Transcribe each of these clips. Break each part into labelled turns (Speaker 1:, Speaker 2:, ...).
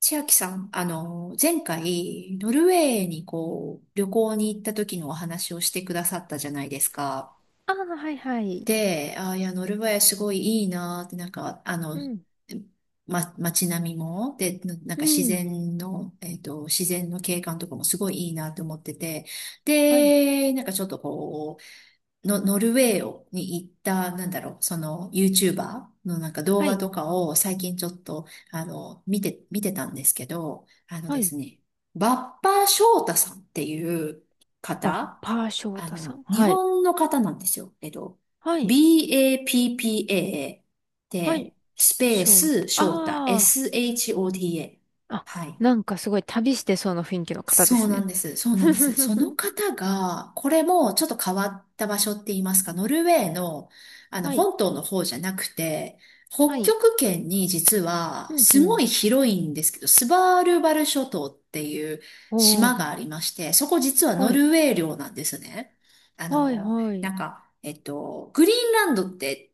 Speaker 1: 千秋さん、前回、ノルウェーに旅行に行った時のお話をしてくださったじゃないですか。
Speaker 2: ああ、はいはい。
Speaker 1: で、ノルウェーすごいいいなって、
Speaker 2: うん、
Speaker 1: 街並みも、で、ななん
Speaker 2: う
Speaker 1: か自
Speaker 2: ん、
Speaker 1: 然の、自然の景観とかもすごいいいなって思ってて、
Speaker 2: はい、
Speaker 1: で、なんかちょっとこう、の、ノルウェーをに行った、なんだろう、その、YouTuber のなんか動
Speaker 2: は
Speaker 1: 画
Speaker 2: い、
Speaker 1: とかを最近ちょっと、見てたんですけど、あの
Speaker 2: は
Speaker 1: で
Speaker 2: い。
Speaker 1: すね、バッパー翔太さんっていう
Speaker 2: バッ
Speaker 1: 方、
Speaker 2: パー翔太さん。
Speaker 1: 日
Speaker 2: はい、
Speaker 1: 本の方なんですよ。えっと、
Speaker 2: はい、
Speaker 1: BAPPA
Speaker 2: はい。
Speaker 1: で、スペー
Speaker 2: 翔
Speaker 1: ス
Speaker 2: 太。
Speaker 1: 翔太、
Speaker 2: あ
Speaker 1: SHOTA。
Speaker 2: あ、あ、
Speaker 1: はい。
Speaker 2: なんかすごい旅してそうな雰囲気の方で
Speaker 1: そう
Speaker 2: す
Speaker 1: な
Speaker 2: ね。
Speaker 1: んです。そ うなん
Speaker 2: ふ
Speaker 1: で
Speaker 2: ふ
Speaker 1: す。
Speaker 2: ふ
Speaker 1: その
Speaker 2: ふ
Speaker 1: 方が、これもちょっと変わった場所って言いますか、ノルウェーの、
Speaker 2: はい、
Speaker 1: 本島の方じゃなくて、
Speaker 2: は
Speaker 1: 北
Speaker 2: い、
Speaker 1: 極圏に、実は、
Speaker 2: うん、う
Speaker 1: すご
Speaker 2: ん。
Speaker 1: い広いんですけど、スバールバル諸島っていう
Speaker 2: お
Speaker 1: 島
Speaker 2: ー、
Speaker 1: がありまして、そこ実は
Speaker 2: は
Speaker 1: ノ
Speaker 2: い、
Speaker 1: ルウェー領なんですね。
Speaker 2: はい、はい。
Speaker 1: グリーンランドって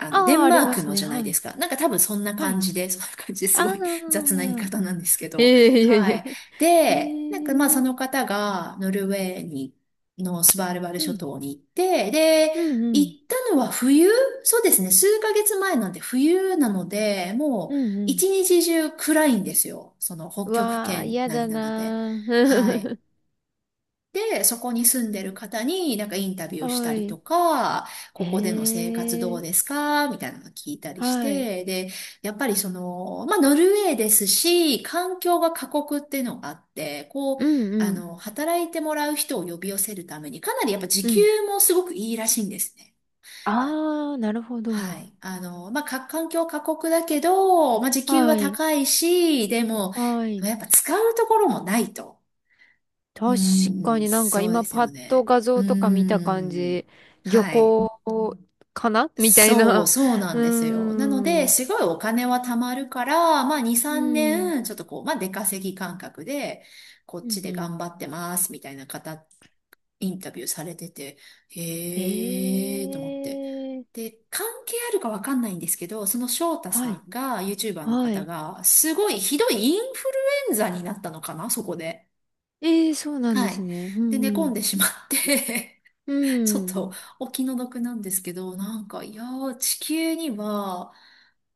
Speaker 1: デ
Speaker 2: ああ、
Speaker 1: ン
Speaker 2: あり
Speaker 1: マー
Speaker 2: ま
Speaker 1: ク
Speaker 2: す
Speaker 1: の
Speaker 2: ね。
Speaker 1: じゃない
Speaker 2: は
Speaker 1: で
Speaker 2: い、
Speaker 1: すか。なんか多分そんな
Speaker 2: は
Speaker 1: 感
Speaker 2: い。
Speaker 1: じで、そんな感じです
Speaker 2: あ
Speaker 1: ごい 雑な言い
Speaker 2: あ、
Speaker 1: 方なんですけ
Speaker 2: え
Speaker 1: ど。
Speaker 2: えい
Speaker 1: は
Speaker 2: え
Speaker 1: い。
Speaker 2: いえ。
Speaker 1: で、まあそ
Speaker 2: ええ
Speaker 1: の方がノルウェーに、のスバルバル
Speaker 2: う
Speaker 1: 諸
Speaker 2: ん、
Speaker 1: 島に行って、で、
Speaker 2: うん、う
Speaker 1: 行
Speaker 2: ん、
Speaker 1: ったのは冬そうですね。数ヶ月前なんで冬なので、も
Speaker 2: う
Speaker 1: う
Speaker 2: ん、うん。
Speaker 1: 一日中暗いんですよ。その北
Speaker 2: う
Speaker 1: 極
Speaker 2: わあ、
Speaker 1: 圏
Speaker 2: 嫌
Speaker 1: 内
Speaker 2: だ
Speaker 1: なので。
Speaker 2: な
Speaker 1: はい。
Speaker 2: ー。
Speaker 1: で、そこに住んでる方になんかインタビ ューした
Speaker 2: は
Speaker 1: りと
Speaker 2: い。
Speaker 1: か、
Speaker 2: え
Speaker 1: ここでの生活どう
Speaker 2: え、
Speaker 1: ですかみたいなの聞いたりし
Speaker 2: はい。
Speaker 1: て、で、やっぱりその、まあ、ノルウェーですし、環境が過酷っていうのがあって、
Speaker 2: うんうん。
Speaker 1: 働いてもらう人を呼び寄せるために、かなりやっぱ時
Speaker 2: う
Speaker 1: 給
Speaker 2: ん。
Speaker 1: もすごくいいらしいんですね。
Speaker 2: ああ、なるほ
Speaker 1: は
Speaker 2: ど。
Speaker 1: い。環境過酷だけど、まあ、時給は
Speaker 2: はい。
Speaker 1: 高いし、でも、
Speaker 2: はい。
Speaker 1: やっぱ使うところもないと。う
Speaker 2: 確か
Speaker 1: ーん、
Speaker 2: になんか
Speaker 1: そうで
Speaker 2: 今
Speaker 1: す
Speaker 2: パ
Speaker 1: よ
Speaker 2: ッと
Speaker 1: ね。
Speaker 2: 画
Speaker 1: う
Speaker 2: 像とか見た感
Speaker 1: ー
Speaker 2: じ、
Speaker 1: ん、
Speaker 2: 漁
Speaker 1: はい。
Speaker 2: 港かなみたいな。
Speaker 1: そうな
Speaker 2: う
Speaker 1: んです
Speaker 2: ー
Speaker 1: よ。なので、す
Speaker 2: ん。
Speaker 1: ごいお金は貯まるから、まあ2、
Speaker 2: う
Speaker 1: 3
Speaker 2: ん。
Speaker 1: 年、ちょっとこう、まあ出稼ぎ感覚で、こっ
Speaker 2: う
Speaker 1: ち
Speaker 2: ん
Speaker 1: で
Speaker 2: うん。
Speaker 1: 頑張ってます、みたいな方、インタビューされてて、
Speaker 2: え
Speaker 1: へーと思って。
Speaker 2: え、
Speaker 1: で、関係あるかわかんないんですけど、その翔太
Speaker 2: は
Speaker 1: さ
Speaker 2: い。
Speaker 1: んが、YouTuber の
Speaker 2: は
Speaker 1: 方
Speaker 2: い。
Speaker 1: が、すごいひどいインフルエンザになったのかな、そこで。
Speaker 2: ええ、そうなんで
Speaker 1: はい。
Speaker 2: すね。う
Speaker 1: で、寝
Speaker 2: ん
Speaker 1: 込
Speaker 2: う
Speaker 1: ん
Speaker 2: ん。
Speaker 1: でしまって ちょっとお気の毒なんですけど、いやー、地球には、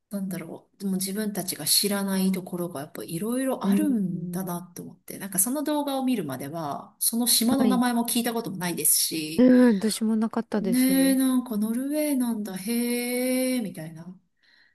Speaker 1: なんだろう、でも自分たちが知らないところがやっぱいろいろ
Speaker 2: う
Speaker 1: ある
Speaker 2: ん。う
Speaker 1: んだ
Speaker 2: ん。
Speaker 1: なと思って、なんかその動画を見るまでは、その島
Speaker 2: は
Speaker 1: の名
Speaker 2: い。
Speaker 1: 前も聞いたこともないですし、
Speaker 2: うん、私もなかったで
Speaker 1: ねえ、
Speaker 2: す。
Speaker 1: なんかノルウェーなんだ、へえ、みたいな。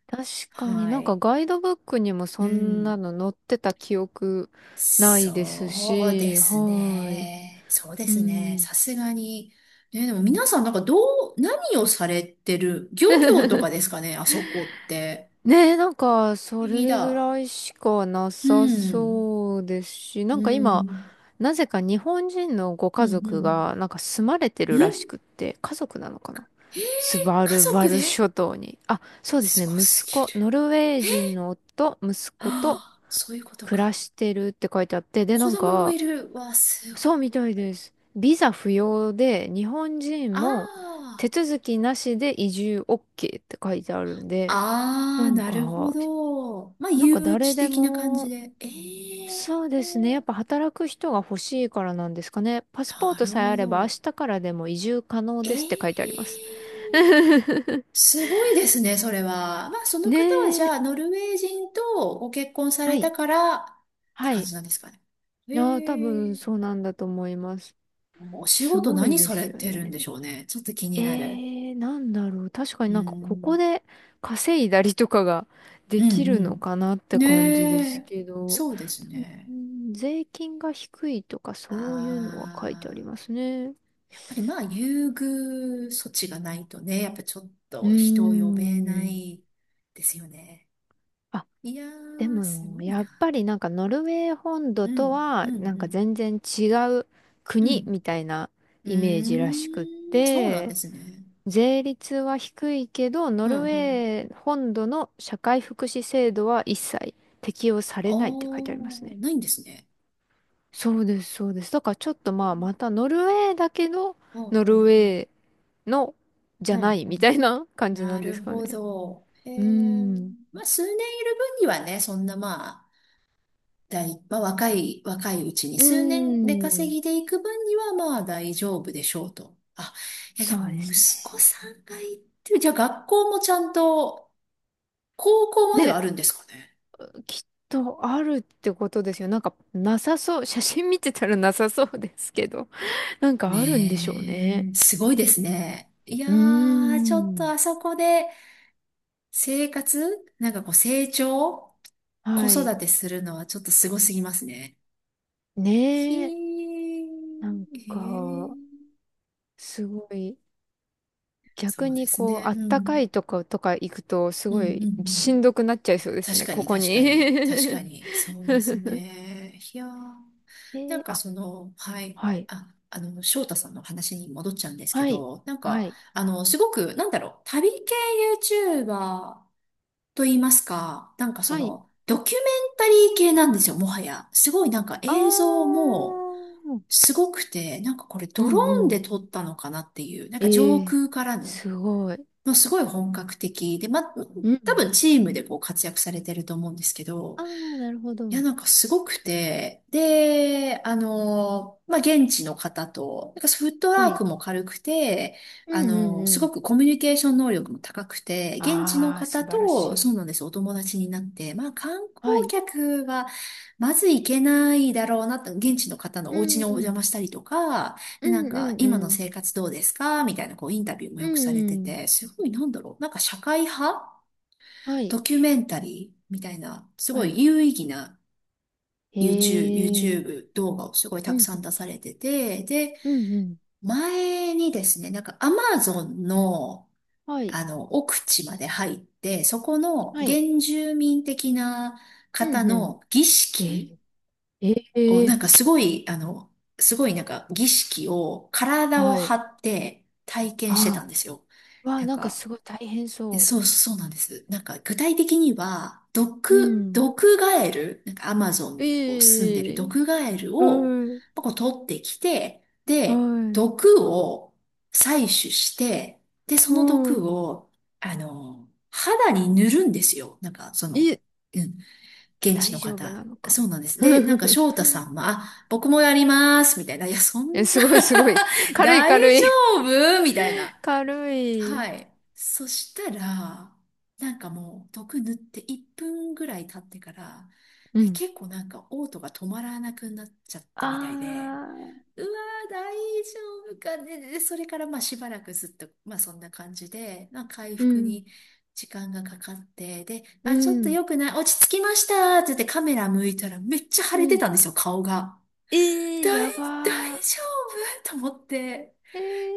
Speaker 2: 確かに
Speaker 1: は
Speaker 2: なんか
Speaker 1: い。
Speaker 2: ガイドブックにも
Speaker 1: う
Speaker 2: そんな
Speaker 1: ん。
Speaker 2: の載ってた記憶ないです
Speaker 1: そうで
Speaker 2: し、
Speaker 1: す
Speaker 2: はい。
Speaker 1: ね。そうで
Speaker 2: う
Speaker 1: すね。
Speaker 2: ん。
Speaker 1: さすがに。ね、でも皆さんなんかどう、何をされてる、漁業とかですかね、あそこって。
Speaker 2: ねえ、なんか
Speaker 1: 不
Speaker 2: そ
Speaker 1: 思議
Speaker 2: れぐ
Speaker 1: だ。
Speaker 2: らいしかな
Speaker 1: う
Speaker 2: さ
Speaker 1: ん。
Speaker 2: そうですし、な
Speaker 1: う
Speaker 2: んか今、
Speaker 1: ん。
Speaker 2: なぜか日本人のご
Speaker 1: う
Speaker 2: 家
Speaker 1: ん。う
Speaker 2: 族
Speaker 1: ん。
Speaker 2: がなんか住まれて
Speaker 1: う
Speaker 2: るらし
Speaker 1: ん
Speaker 2: くって、家族なのかな
Speaker 1: えー、
Speaker 2: スバ
Speaker 1: 家
Speaker 2: ルバ
Speaker 1: 族
Speaker 2: ル
Speaker 1: で
Speaker 2: 諸島に。あ、そうです
Speaker 1: す
Speaker 2: ね、
Speaker 1: ごす
Speaker 2: 息子、
Speaker 1: ぎる。
Speaker 2: ノルウェー人の夫、息子と
Speaker 1: ああ、そういうこと
Speaker 2: 暮ら
Speaker 1: か。
Speaker 2: してるって書いてあって、で、な
Speaker 1: 子
Speaker 2: ん
Speaker 1: 供も
Speaker 2: か、
Speaker 1: いる。わ、すごい。
Speaker 2: そうみたいです。ビザ不要で、日本人
Speaker 1: あ
Speaker 2: も手
Speaker 1: あ。
Speaker 2: 続きなしで移住 OK って書いてあるんで、
Speaker 1: あ
Speaker 2: な
Speaker 1: あ、
Speaker 2: ん
Speaker 1: なるほ
Speaker 2: か、
Speaker 1: ど。まあ、
Speaker 2: なんか
Speaker 1: 誘
Speaker 2: 誰
Speaker 1: 致
Speaker 2: で
Speaker 1: 的な感じ
Speaker 2: も、
Speaker 1: で。え
Speaker 2: そうですね。やっ
Speaker 1: え
Speaker 2: ぱ働く人が欲しいからなんですかね。パスポー
Speaker 1: な
Speaker 2: ト
Speaker 1: る
Speaker 2: さえあ
Speaker 1: ほ
Speaker 2: れば明
Speaker 1: ど。
Speaker 2: 日からでも移住可能ですって書いてあり
Speaker 1: ええ
Speaker 2: ます。
Speaker 1: ー すごいですね、それは。まあ、その方はじ
Speaker 2: ねえ。
Speaker 1: ゃあ、ノルウェー人とご結婚さ
Speaker 2: は
Speaker 1: れた
Speaker 2: い。
Speaker 1: からって
Speaker 2: はい。
Speaker 1: 感
Speaker 2: い
Speaker 1: じなんですかね。
Speaker 2: やー、多分
Speaker 1: え
Speaker 2: そ
Speaker 1: え
Speaker 2: うなんだと思います。
Speaker 1: お仕
Speaker 2: す
Speaker 1: 事
Speaker 2: ごい
Speaker 1: 何
Speaker 2: で
Speaker 1: さ
Speaker 2: す
Speaker 1: れ
Speaker 2: よ
Speaker 1: てるんで
Speaker 2: ね。
Speaker 1: しょうね。ちょっと気に
Speaker 2: え
Speaker 1: なる。
Speaker 2: ー、なんだろう。確かに
Speaker 1: う
Speaker 2: なんかここ
Speaker 1: ん。
Speaker 2: で稼いだりとかが
Speaker 1: う
Speaker 2: できるの
Speaker 1: ん
Speaker 2: かなっ
Speaker 1: うん。
Speaker 2: て感じで
Speaker 1: ね
Speaker 2: す
Speaker 1: え。
Speaker 2: けど、
Speaker 1: そうです
Speaker 2: でもう
Speaker 1: ね。
Speaker 2: ん税金が低いとか
Speaker 1: あ
Speaker 2: そういうのは書いてありま
Speaker 1: あ、
Speaker 2: すね。
Speaker 1: やっぱりまあ、優遇措置がないとね、やっぱちょっ
Speaker 2: うー
Speaker 1: と人を呼べな
Speaker 2: ん。
Speaker 1: いですよね。
Speaker 2: あ、
Speaker 1: いや
Speaker 2: で
Speaker 1: ー、す
Speaker 2: も、
Speaker 1: ごい
Speaker 2: やっ
Speaker 1: な。
Speaker 2: ぱりなんかノルウェー本土
Speaker 1: う
Speaker 2: と
Speaker 1: ん、う
Speaker 2: は
Speaker 1: ん、う
Speaker 2: なんか
Speaker 1: ん、
Speaker 2: 全然違う
Speaker 1: う
Speaker 2: 国み
Speaker 1: ん。
Speaker 2: たいな
Speaker 1: う
Speaker 2: イメージらしくっ
Speaker 1: ーん、そうなん
Speaker 2: て、
Speaker 1: ですね。
Speaker 2: 税率は低いけど、ノ
Speaker 1: うん、う
Speaker 2: ルウ
Speaker 1: ん。
Speaker 2: ェー本土の社会福祉制度は一切適用され
Speaker 1: あ
Speaker 2: ないって書いてありますね。
Speaker 1: ー、ないんですね。
Speaker 2: そうです、そうです。だからちょっとまあ、またノルウェーだけど、
Speaker 1: うん、
Speaker 2: ノ
Speaker 1: うん、う
Speaker 2: ルウ
Speaker 1: ん、
Speaker 2: ェーのじ
Speaker 1: う
Speaker 2: ゃな
Speaker 1: ん、
Speaker 2: い
Speaker 1: う
Speaker 2: み
Speaker 1: ん。
Speaker 2: たいな感じな
Speaker 1: な
Speaker 2: んです
Speaker 1: る
Speaker 2: かね。
Speaker 1: ほど。へ
Speaker 2: うー
Speaker 1: え。
Speaker 2: ん。
Speaker 1: まあ、数年いる分にはね、そんなまあ、大、まあ、若い、若いうちに、
Speaker 2: うー
Speaker 1: 数年で稼
Speaker 2: ん。
Speaker 1: ぎでいく分にはまあ大丈夫でしょうと。あ、いや、で
Speaker 2: そ
Speaker 1: も
Speaker 2: うで
Speaker 1: 息
Speaker 2: すね。
Speaker 1: 子さんがいってる、じゃあ学校もちゃんと、高校まではあ
Speaker 2: ね、
Speaker 1: るんですかね。
Speaker 2: きっとあるってことですよ。なんかなさそう。写真見てたらなさそうですけど、なんかあるんでしょうね。
Speaker 1: ねえ、すごいですね。いや
Speaker 2: う
Speaker 1: ー、ちょっ
Speaker 2: ー
Speaker 1: とあ
Speaker 2: ん。
Speaker 1: そこで生活、なんかこう成長、子
Speaker 2: はい。
Speaker 1: 育てするのはちょっとすごすぎますね。ひ
Speaker 2: ねえ、なん
Speaker 1: ー、へ
Speaker 2: か、
Speaker 1: ー、
Speaker 2: すごい、
Speaker 1: そ
Speaker 2: 逆
Speaker 1: うで
Speaker 2: に
Speaker 1: す
Speaker 2: こう、
Speaker 1: ね。
Speaker 2: あっ
Speaker 1: う
Speaker 2: たか
Speaker 1: ん。
Speaker 2: いとことか行くと、す
Speaker 1: うん
Speaker 2: ご
Speaker 1: うんう
Speaker 2: いしん
Speaker 1: ん。
Speaker 2: どくなっちゃいそうです
Speaker 1: 確
Speaker 2: ね、
Speaker 1: か
Speaker 2: こ
Speaker 1: に、
Speaker 2: こ
Speaker 1: 確かに、確
Speaker 2: に。
Speaker 1: かに、そうです
Speaker 2: え
Speaker 1: ね。いやー、なん
Speaker 2: ー、
Speaker 1: か
Speaker 2: あ、
Speaker 1: その、はい、
Speaker 2: はい、
Speaker 1: 翔太さんの話に戻っちゃうんですけ
Speaker 2: はい、
Speaker 1: ど、
Speaker 2: はい、
Speaker 1: すごく、なんだろう、旅系 YouTuber と言いますか、なんかそ
Speaker 2: はい。
Speaker 1: の、ドキュメンタリー系なんですよ、もはや。すごいなんか
Speaker 2: あ
Speaker 1: 映像も
Speaker 2: ー、
Speaker 1: すごくて、なんかこれ
Speaker 2: う
Speaker 1: ドロ
Speaker 2: んう
Speaker 1: ーン
Speaker 2: ん。
Speaker 1: で撮ったのかなっていう、なん
Speaker 2: え
Speaker 1: か上
Speaker 2: ー、
Speaker 1: 空からの、
Speaker 2: すごい。
Speaker 1: もうすごい本格的で、ま、
Speaker 2: う
Speaker 1: 多
Speaker 2: ん。
Speaker 1: 分チームでこう活躍されてると思うんですけど、
Speaker 2: あー、なるほ
Speaker 1: いや、
Speaker 2: ど。
Speaker 1: なんかすごくて、で、現地の方と、なんかフット
Speaker 2: は
Speaker 1: ワー
Speaker 2: い。
Speaker 1: クも軽くて、
Speaker 2: う
Speaker 1: あ
Speaker 2: んうん
Speaker 1: の、
Speaker 2: う
Speaker 1: すご
Speaker 2: ん。
Speaker 1: くコミュニケーション能力も高くて、現地の
Speaker 2: あー、
Speaker 1: 方
Speaker 2: 素晴らし
Speaker 1: と、そ
Speaker 2: い。
Speaker 1: うなんです、お友達になって、まあ、観光
Speaker 2: はい。
Speaker 1: 客は、まず行けないだろうなと、現地の方の
Speaker 2: う
Speaker 1: お家
Speaker 2: ん
Speaker 1: にお
Speaker 2: う
Speaker 1: 邪
Speaker 2: ん。
Speaker 1: 魔したりとか、
Speaker 2: う
Speaker 1: で、な
Speaker 2: ん
Speaker 1: んか、
Speaker 2: うんう
Speaker 1: 今の
Speaker 2: ん。
Speaker 1: 生活どうですかみたいな、こう、インタビューも
Speaker 2: う
Speaker 1: よくされて
Speaker 2: んうん。
Speaker 1: て、すごい、なんだろう、なんか社会派
Speaker 2: はい。
Speaker 1: ドキュメンタリーみたいな、す
Speaker 2: は
Speaker 1: ご
Speaker 2: い
Speaker 1: い有意義な
Speaker 2: へ え。
Speaker 1: YouTube 動画をすごい
Speaker 2: う
Speaker 1: たく
Speaker 2: ん
Speaker 1: さ
Speaker 2: う
Speaker 1: ん出
Speaker 2: ん。
Speaker 1: されてて、で、
Speaker 2: うんうん。
Speaker 1: 前にですね、なんか Amazon の、
Speaker 2: はい。
Speaker 1: あの、奥地まで入って、そこの
Speaker 2: は
Speaker 1: 原
Speaker 2: い。
Speaker 1: 住民的な
Speaker 2: う
Speaker 1: 方
Speaker 2: んうん。
Speaker 1: の儀
Speaker 2: え
Speaker 1: 式
Speaker 2: ー、
Speaker 1: を、
Speaker 2: ええ
Speaker 1: すごいなんか儀式を体
Speaker 2: は
Speaker 1: を
Speaker 2: い。
Speaker 1: 張って体験してた
Speaker 2: あ
Speaker 1: んですよ。
Speaker 2: あ。わあ、
Speaker 1: なん
Speaker 2: なんか
Speaker 1: か、
Speaker 2: すごい大変そ
Speaker 1: そうなんです。なんか具体的には、
Speaker 2: う。うん。
Speaker 1: 毒ガエル、なんかアマゾンにこう住んでる
Speaker 2: ええ
Speaker 1: 毒ガエルを
Speaker 2: はい。
Speaker 1: まあこう取ってきて、
Speaker 2: は
Speaker 1: で、
Speaker 2: い。
Speaker 1: 毒を採取して、で、そ
Speaker 2: う
Speaker 1: の
Speaker 2: ん。
Speaker 1: 毒を、あの、肌に塗るんですよ。なんかその、
Speaker 2: え、
Speaker 1: うん、現地
Speaker 2: 大
Speaker 1: の
Speaker 2: 丈夫
Speaker 1: 方。
Speaker 2: なのか。
Speaker 1: そうなんです。で、なんか 翔太さんは、あ、僕もやります、みたいな。いや、そん
Speaker 2: え、
Speaker 1: な、
Speaker 2: すごいすごい。軽い
Speaker 1: 大
Speaker 2: 軽
Speaker 1: 丈
Speaker 2: い。
Speaker 1: 夫みたい な。
Speaker 2: 軽い。
Speaker 1: はい。そしたら、なんかもう、毒塗って1分ぐらい経ってから、
Speaker 2: うん。
Speaker 1: 結構なんか、嘔吐が止まらなくなっちゃった
Speaker 2: あ
Speaker 1: みたいで、
Speaker 2: あ。
Speaker 1: うわー、大丈夫かね。で、それからまあしばらくずっと、まあそんな感じで、まあ回
Speaker 2: う
Speaker 1: 復
Speaker 2: ん。
Speaker 1: に時間がかかって、で、
Speaker 2: う
Speaker 1: あ、ちょっと
Speaker 2: ん。
Speaker 1: 良くない、落ち着きましたって言ってカメラ向いたらめっちゃ腫
Speaker 2: う
Speaker 1: れて
Speaker 2: ん。
Speaker 1: たんですよ、顔が。
Speaker 2: ええ
Speaker 1: 大、
Speaker 2: や
Speaker 1: 大
Speaker 2: ばー。
Speaker 1: 丈夫と思って。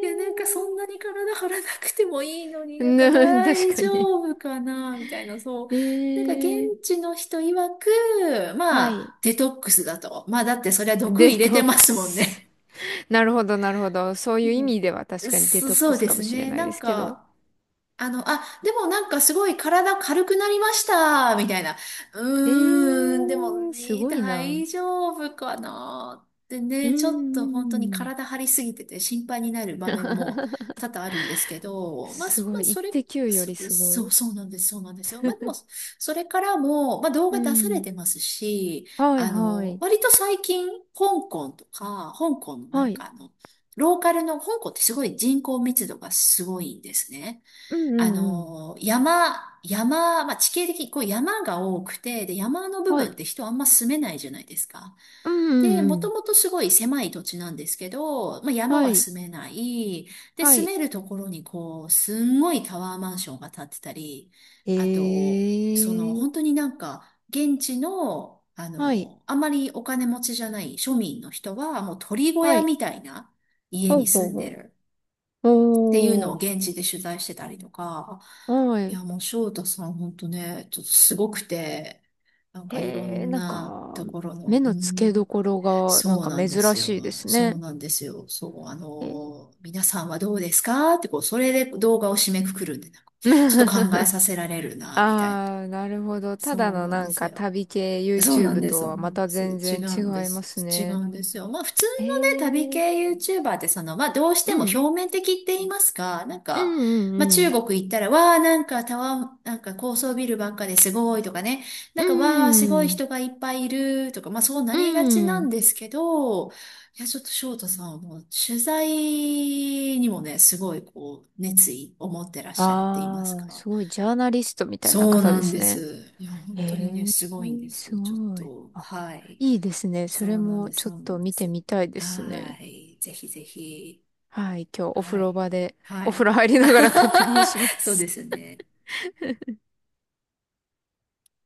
Speaker 1: で、なんかそんなに体張らなくてもいいのに、
Speaker 2: え
Speaker 1: なんか
Speaker 2: な、
Speaker 1: 大
Speaker 2: 確かに。
Speaker 1: 丈夫かなみたいな、そう。
Speaker 2: え
Speaker 1: なんか現
Speaker 2: ー、
Speaker 1: 地の人曰く、
Speaker 2: は
Speaker 1: ま
Speaker 2: い。
Speaker 1: あ、デトックスだと。まあ、だってそれは毒
Speaker 2: デ
Speaker 1: 入
Speaker 2: ト
Speaker 1: れて
Speaker 2: ッ
Speaker 1: ま
Speaker 2: ク
Speaker 1: すもん
Speaker 2: ス。
Speaker 1: ね。
Speaker 2: なるほど、なるほど。そういう意味では 確かにデトッ
Speaker 1: そ
Speaker 2: ク
Speaker 1: う
Speaker 2: ス
Speaker 1: で
Speaker 2: かも
Speaker 1: す
Speaker 2: しれ
Speaker 1: ね。
Speaker 2: ないですけど。
Speaker 1: でもなんかすごい体軽くなりました、みたいな。
Speaker 2: え
Speaker 1: うーん、でも
Speaker 2: ー、す
Speaker 1: ね、
Speaker 2: ごいな。
Speaker 1: 大丈夫かなって
Speaker 2: うー
Speaker 1: ね、ちょっ
Speaker 2: ん、
Speaker 1: と本当に
Speaker 2: ん
Speaker 1: 体張りすぎてて心配になる場面も多々あるんですけど、まあ、
Speaker 2: す
Speaker 1: そ
Speaker 2: ご
Speaker 1: まあ、
Speaker 2: い。
Speaker 1: それ、
Speaker 2: 1.9よ
Speaker 1: そ、
Speaker 2: りすご
Speaker 1: そう、
Speaker 2: い。
Speaker 1: そうなんです、そうなんですよ。まあ、でも、それからも、まあ、動
Speaker 2: う
Speaker 1: 画出され
Speaker 2: ん。
Speaker 1: てますし、
Speaker 2: はい、
Speaker 1: あ
Speaker 2: は
Speaker 1: の、
Speaker 2: い。
Speaker 1: 割と最近、香港のな
Speaker 2: は
Speaker 1: ん
Speaker 2: い。
Speaker 1: かあの、ローカルの、香港ってすごい人口密度がすごいんですね。
Speaker 2: うん、うん、うん。
Speaker 1: 山、まあ、地形的にこう山が多くて、で、山の部
Speaker 2: は
Speaker 1: 分っ
Speaker 2: い。
Speaker 1: て人あんま住めないじゃないですか。
Speaker 2: うん、う
Speaker 1: で、
Speaker 2: ん、う
Speaker 1: もと
Speaker 2: ん。
Speaker 1: もとすごい狭い土地なんですけど、まあ、山
Speaker 2: は
Speaker 1: は
Speaker 2: い。
Speaker 1: 住めない。で、
Speaker 2: は
Speaker 1: 住
Speaker 2: い。
Speaker 1: めるところにこう、すんごいタワーマンションが建ってたり、
Speaker 2: え
Speaker 1: あと、その、
Speaker 2: ー。
Speaker 1: 本当になんか、現地の、あ
Speaker 2: はい。
Speaker 1: の、あまりお金持ちじゃない庶民の人は、もう鳥小
Speaker 2: は
Speaker 1: 屋
Speaker 2: い。
Speaker 1: みたいな家
Speaker 2: ほう
Speaker 1: に
Speaker 2: ほう
Speaker 1: 住ん
Speaker 2: ほ
Speaker 1: で
Speaker 2: う。
Speaker 1: る。ていうの
Speaker 2: お
Speaker 1: を
Speaker 2: ー。
Speaker 1: 現地で取材してたりとか、
Speaker 2: は
Speaker 1: い
Speaker 2: い。
Speaker 1: や、もう翔太さん本当ね、ちょっとすごくて、なんかいろ
Speaker 2: へえ、
Speaker 1: ん
Speaker 2: なん
Speaker 1: な
Speaker 2: か、
Speaker 1: ところ
Speaker 2: 目
Speaker 1: の、う
Speaker 2: の付け
Speaker 1: ん、
Speaker 2: どころが、なん
Speaker 1: そう
Speaker 2: か
Speaker 1: なんで
Speaker 2: 珍
Speaker 1: すよ。
Speaker 2: しいです
Speaker 1: そう
Speaker 2: ね。
Speaker 1: なんですよ。そう、あ
Speaker 2: えー
Speaker 1: の、皆さんはどうですかってこう、それで動画を締めくくるんで、なんかちょっと考え させられるな、みたいな。
Speaker 2: ああ、なるほど。た
Speaker 1: そ
Speaker 2: だ
Speaker 1: う
Speaker 2: の
Speaker 1: なん
Speaker 2: な
Speaker 1: で
Speaker 2: ん
Speaker 1: す
Speaker 2: か
Speaker 1: よ。
Speaker 2: 旅系
Speaker 1: そうなん
Speaker 2: YouTube
Speaker 1: です、
Speaker 2: と
Speaker 1: そう
Speaker 2: は
Speaker 1: な
Speaker 2: ま
Speaker 1: んで
Speaker 2: た
Speaker 1: す。
Speaker 2: 全
Speaker 1: 違
Speaker 2: 然
Speaker 1: う
Speaker 2: 違
Speaker 1: んで
Speaker 2: いま
Speaker 1: す。
Speaker 2: す
Speaker 1: 違
Speaker 2: ね。
Speaker 1: うんですよ。まあ普通
Speaker 2: へ
Speaker 1: のね、旅
Speaker 2: え、
Speaker 1: 系 YouTuber ってその、まあどうして
Speaker 2: う
Speaker 1: も表
Speaker 2: ん、
Speaker 1: 面的って言いますか、なん
Speaker 2: う
Speaker 1: か、
Speaker 2: ん、
Speaker 1: まあ
Speaker 2: う
Speaker 1: 中
Speaker 2: ん、
Speaker 1: 国行ったら、わあなんかタワー、なんか高層ビルばっかですごいとかね、な
Speaker 2: う
Speaker 1: んかわあすごい
Speaker 2: ん、
Speaker 1: 人がいっぱいいるとか、まあそうな
Speaker 2: う
Speaker 1: りがち
Speaker 2: ん、
Speaker 1: な
Speaker 2: う
Speaker 1: ん
Speaker 2: ん。
Speaker 1: ですけど、いやちょっと翔太さんはもう取材にもね、すごいこう熱意を持ってらっしゃるって言います
Speaker 2: ああ、
Speaker 1: か。
Speaker 2: すごい、ジャーナリストみたいな
Speaker 1: そう
Speaker 2: 方
Speaker 1: な
Speaker 2: で
Speaker 1: ん
Speaker 2: す
Speaker 1: で
Speaker 2: ね。
Speaker 1: す。いや、
Speaker 2: へ
Speaker 1: 本当にね、
Speaker 2: え、
Speaker 1: すごいんです
Speaker 2: す
Speaker 1: よ。ちょっ
Speaker 2: ごい。
Speaker 1: と、
Speaker 2: あ、
Speaker 1: はい。
Speaker 2: いいですね。そ
Speaker 1: そ
Speaker 2: れ
Speaker 1: うなん
Speaker 2: も
Speaker 1: です、
Speaker 2: ちょ
Speaker 1: そう
Speaker 2: っ
Speaker 1: な
Speaker 2: と
Speaker 1: んで
Speaker 2: 見て
Speaker 1: す。
Speaker 2: みたいですね。
Speaker 1: はい。ぜひぜひ。
Speaker 2: はい、今日お風
Speaker 1: は
Speaker 2: 呂
Speaker 1: い。
Speaker 2: 場で、
Speaker 1: は
Speaker 2: お風
Speaker 1: い。
Speaker 2: 呂入りながら確認しま
Speaker 1: そう
Speaker 2: す。
Speaker 1: ですね。